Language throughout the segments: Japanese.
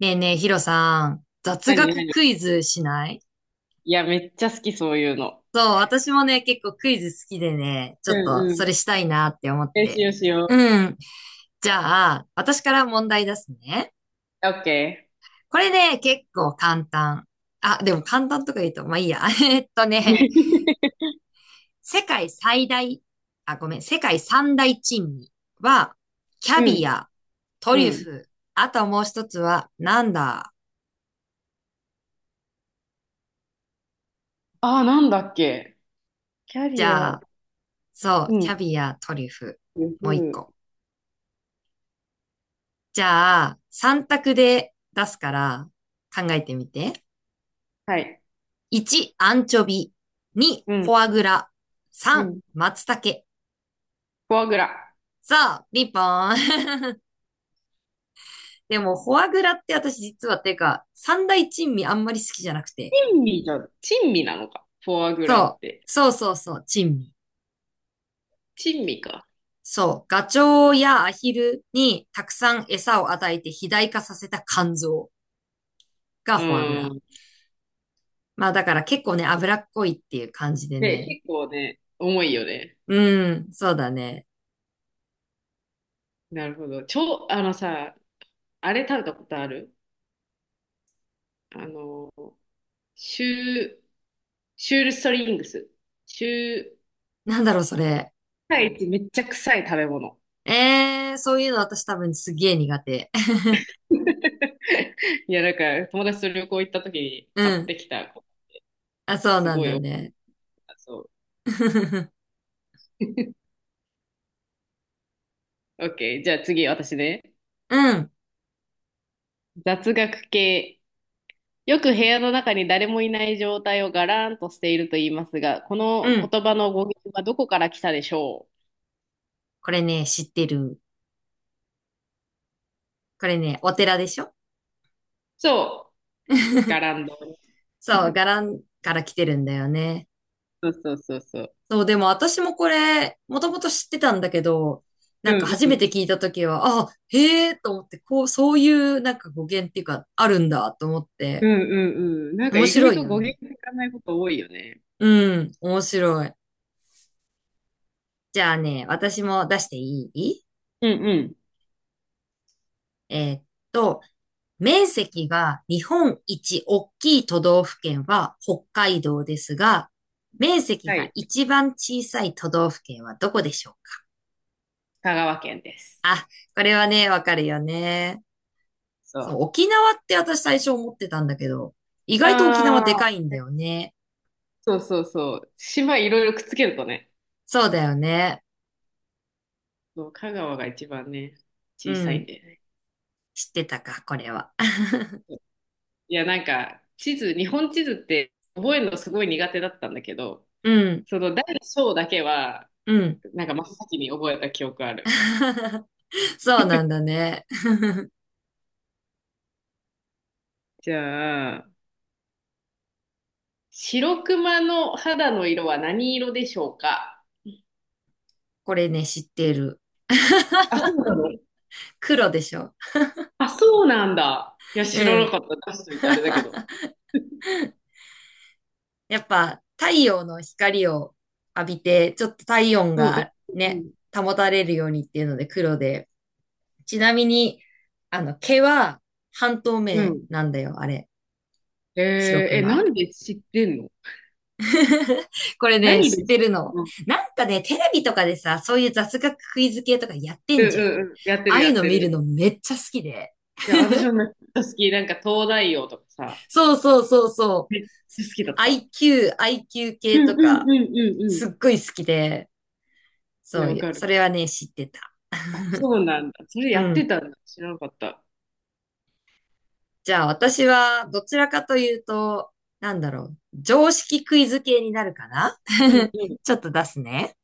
ねえねえ、ヒロさん、雑何学何。クイズしない？いや、めっちゃ好き、そういうの。そう、私もね、結構クイズ好きでね、ちょうっとんうそれん。したいなって思っ練て。習しようん。じゃあ、私から問題出すね。う。オッケこれね、結構簡単。あ、でも簡単とか言うと、まあいいや。ー。世界最大、あ、ごめん、世界三大珍味は、キャうビん、ア、トうリュん。フ、あともう一つは、なんだ？ああ、なんだっけ。キャじリゃア、あ、そう、うキん。ャビア、トリュフ、うもう一ん、個。じゃあ、3択で出すから考えてみて。はい。1、アンチョビ。2、うフん、ォアグラ。う3、ん。松茸。フォアグラ。さあ、リンポーン。でも、フォアグラって私実はっていうか、三大珍味あんまり好きじゃなくて。珍味じゃ、珍味なのか。フォアグラっそう。て。そうそうそう、珍味。珍味か。そう。ガチョウやアヒルにたくさん餌を与えて肥大化させた肝臓がうフォアグラ。ん。まあだから結構ね、脂っこいっていう感じでで、ね。結構ね、重いよね。うん、そうだね。なるほど。超、あのさ、あれ食べたことある？あの、シュー、シュールストリングス。シュー、なんだろう、それ。世界一めっちゃ臭い食べ物。そういうの私多分すげえ苦手。いや、なんか、友達と旅行行った時に う買っん。てきた、あ、そうすなんごいだ多かっね。た、そ う。OK。じゃあ次、私ね。うん、雑学系。よく部屋の中に誰もいない状態をガラーンとしていると言いますが、こうのん。言葉の語源はどこから来たでしょう？これね、知ってる。これね、お寺でしょ？ そう。ガランド。そう、伽藍から来てるんだよね。そうそうそうそう。そう、でも私もこれ、もともと知ってたんだけど、うなんかん初うめん。て聞いたときは、あ、へえと思って、こう、そういうなんか語源っていうか、あるんだと思っうて、んうんうん。なんか面意外白いとよ語源ね。知らないこと多いよね。うん、面白い。じゃあね、私も出していい？うんうん。えーっと、面積が日本一大きい都道府県は北海道ですが、面積はがい。一番小さい都道府県はどこでしょうか？香川県です。あ、これはね、わかるよね。そそう。う、沖縄って私最初思ってたんだけど、意あ外と沖縄でかーいんだよね。そうそうそう。島いろいろくっつけるとね、そうだよね。そう香川が一番ね、う小さいんん。でね。知ってたか、これは。いや、なんか、地図、日本地図って覚えるのすごい苦手だったんだけど、うん、その大小だけは、うん。なんか真っ先に覚えた記憶ある。そうなんだね。じゃあ、白熊の肌の色は何色でしょうか？これね、知ってる。あ、そうなの？黒でしょ。あ、そうなんだ。いや、知らうなん。かった。出しといてあれだけど。やっぱ太陽の光を浴びて、ちょっと体温うんがうね、ん保たれるようにっていうので黒で、ちなみに、毛は半透うん。う明ん。なんだよ、あれ。え白ー、え、熊。なんで知ってんの？ これね、何知っで知ってるての。んの？なんかね、テレビとかでさ、そういう雑学クイズ系とかやってうんんじゃん。あうんうん。やってるあやいうっのて見るる。のめっちゃ好きで。いや、私もめっちゃ好き。なんか東大王とかさ、そうそうそうそう。めっちゃ好きだった。IQ、IQ う系んうとんうんうか、んうん。すっごい好きで、いそや、うわいう、かる。それはね、知ってた。あ、そうなんだ。それうやってん。たんだ。知らなかった。じゃあ私はどちらかというと、なんだろう、常識クイズ系になるかな。 うん うんちょっと出すね。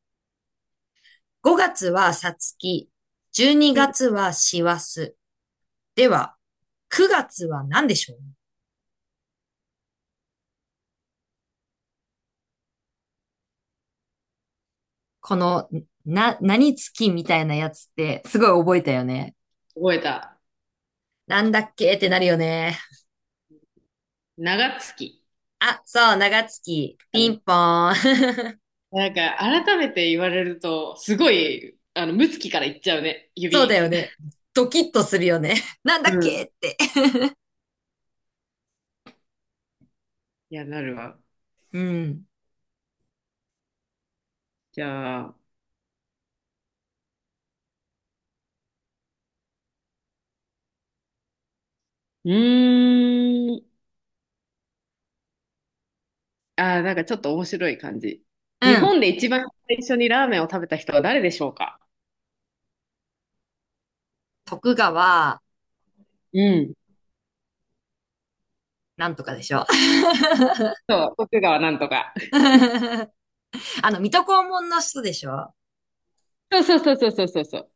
5月はさつき、12うん。月はしわす。では、9月は何でしょう？この、何月みたいなやつってすごい覚えたよね。覚えた。なんだっけってなるよね。長月あ、そう、長月、だピね。ンポーン。なんか、改めて言われると、すごい、ム月からいっちゃうね。そう指。だよね。ドキッとするよね。なんだうっけん。って。いや、なるわ。うん。じゃあ、うーん。あー、なんかちょっと面白い感じ。う日ん。本で一番最初にラーメンを食べた人は誰でしょうか？徳川、うん。なんとかでしょ。そう、徳川なんとか。あの、水戸黄門の人でしょ。そうそうそうそうそうそうそう。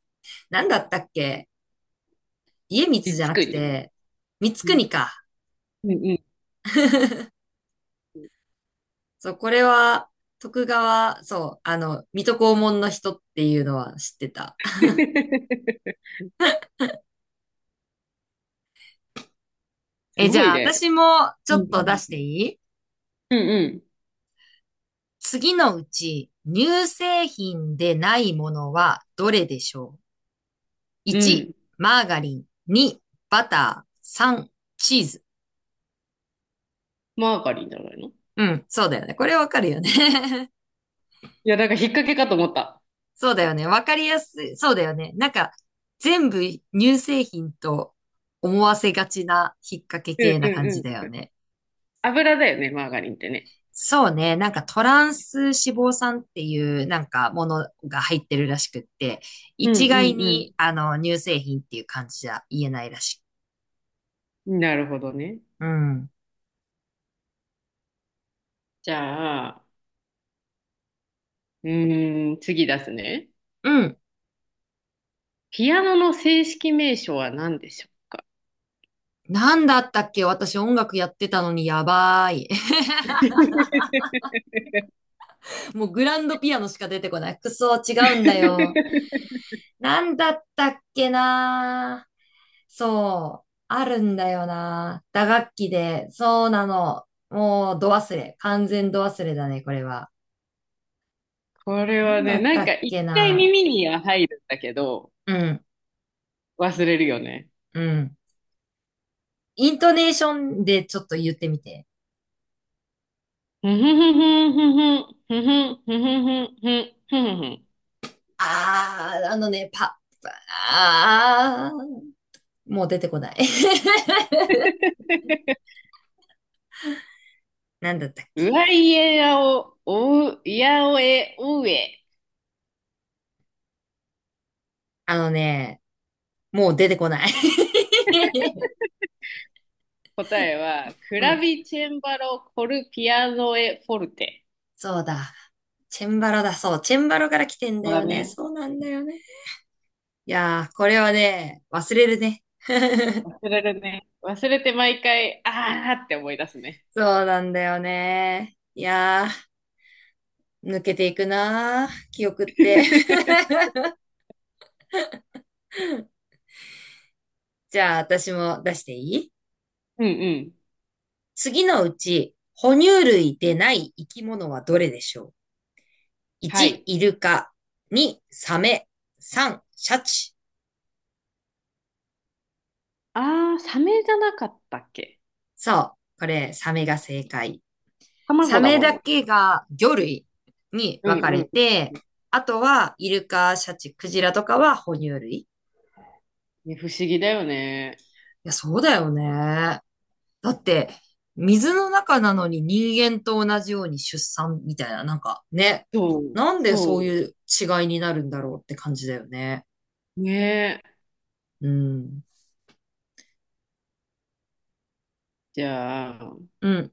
なんだったっけ？家光いじゃつなくくに。うて、光国ん、か。うん、うん。そう、これは、徳川、そう、あの、水戸黄門の人っていうのは知ってた。すえ、じごゃいあ、ね。私もちうょっと出ん、しうてん。いい？うん、次のうち、乳製品でないものはどれでしょう？ う 1、ん。マーガリン。2、バター。3、チーズ。マーガリンじゃないの？いうん、そうだよね。これわかるよね。や、なんか引っ掛けかと思った。そうだよね。わかりやすい。そうだよね。なんか、全部乳製品と思わせがちな引っ掛けうん、系うな感ん、じだうん。よね。油だよね、マーガリンってね。そうね。なんかトランス脂肪酸っていうなんかものが入ってるらしくって、う一ん、概うにん、あの乳製品っていう感じじゃ言えないらしい。うん。なるほどね。うん。じゃあ、次出すね。うん。ピアノの正式名称は何でしょうか？ なんだったっけ？私音楽やってたのにやばい。もうグランドピアノしか出てこない。くそ、違うんだよ。なんだったっけな。そう、あるんだよな。打楽器で、そうなの。もう、ど忘れ。完全ど忘れだね、これは。これなはんだね、っなたんかっ一け回な。耳には入るんだけど、うん、忘れるよね。うん。イントネーションでちょっと言ってみて。ふふふふふふふふふふふふふ、あのね、パ、あー、もう出てこない。なんだったっうけ。わいえやお、おう、いやおえ、おうえ。あのね、もう出てこない。答えは、クうラん、ビチェンバロ、コルピアノエ、フォルテ。そうだ。チェンバロだ、そう。チェンバロから来てんそだだよね。ね。そうなんだよね。いやー、これはね、忘れるね。忘れるね。忘れて毎回、あーって思い出すね。そうなんだよね。いやー、抜けていくなー、記憶って。じゃあ、私も出していい？うんうん。次のうち、哺乳類でない生き物はどれでしょう？ は 1、い。イルカ。2、サメ。3、シャチ。あー、サメじゃなかったっけ？そう、これ、サメが正解。サ卵だメもんだな。けが魚類にう分んかうれん。て、あとは、イルカ、シャチ、クジラとかは哺乳類。いね、不思議だよね。や、そうだよね。だって、水の中なのに人間と同じように出産みたいな、なんかね、そう、なんでそういそう違いになるんだろうって感じだよね。う。ね。うん。じゃあ、うん。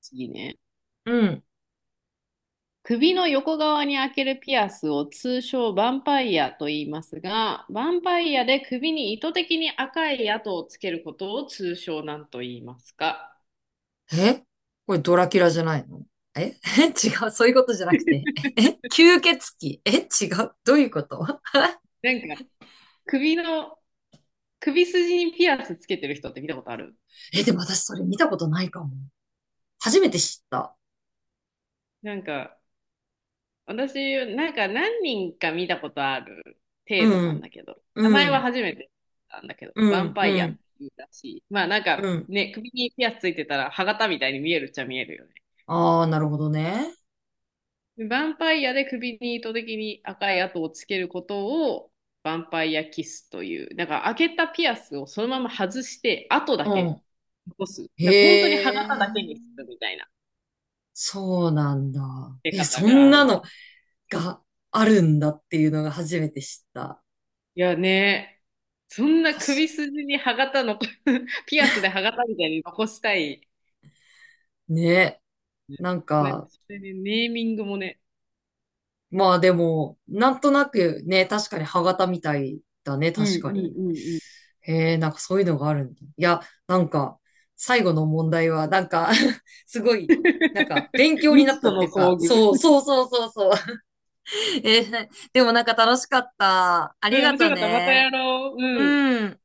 次ね。うん。首の横側に開けるピアスを通称ヴァンパイアと言いますが、ヴァンパイアで首に意図的に赤い跡をつけることを通称なんと言いますか？え？これドラキュラじゃないの？え？ 違う。そういうことじゃなくて。え？吸血鬼？え？違う。どういうこと？なんか、首の、首筋にピアスつけてる人って見たことある？え、でも私それ見たことないかも。初めて知った。なんか、私、なんか何人か見たことあるう程度なんん。だけど、名う前はん。初めてなんだけど、うヴァンん。パイうアってん。言うらしい。まあなんうか、ん。ね、首にピアスついてたら、歯型みたいに見えるっちゃ見えるよね。ああ、なるほどね。ヴァンパイアで首に糸的に赤い跡をつけることをヴァンパイアキスという、だから開けたピアスをそのまま外して跡うだけん。残す。なんか本当に歯へえ。型だけにするみたいなそうなんだ。出え、方そがんあなるのな。があるんだっていうのが初めて知った。いやね、そんな確首か筋に歯型の ピアスで歯型みたいに残したい。にね。なんなんかか、それでネーミングもね。まあでも、なんとなくね、確かに歯型みたいだね、う確かんうんに。うんうん。へえ、なんかそういうのがあるんだ。いや、なんか、最後の問題は、なんか、 すごい、なんか、勉 強に未なっ知たとっていのうか、遭遇。そう、そうそうそうそう。でもなんか楽しかった。あうりん、が面白とかった。またね。やろう。ううん。ん。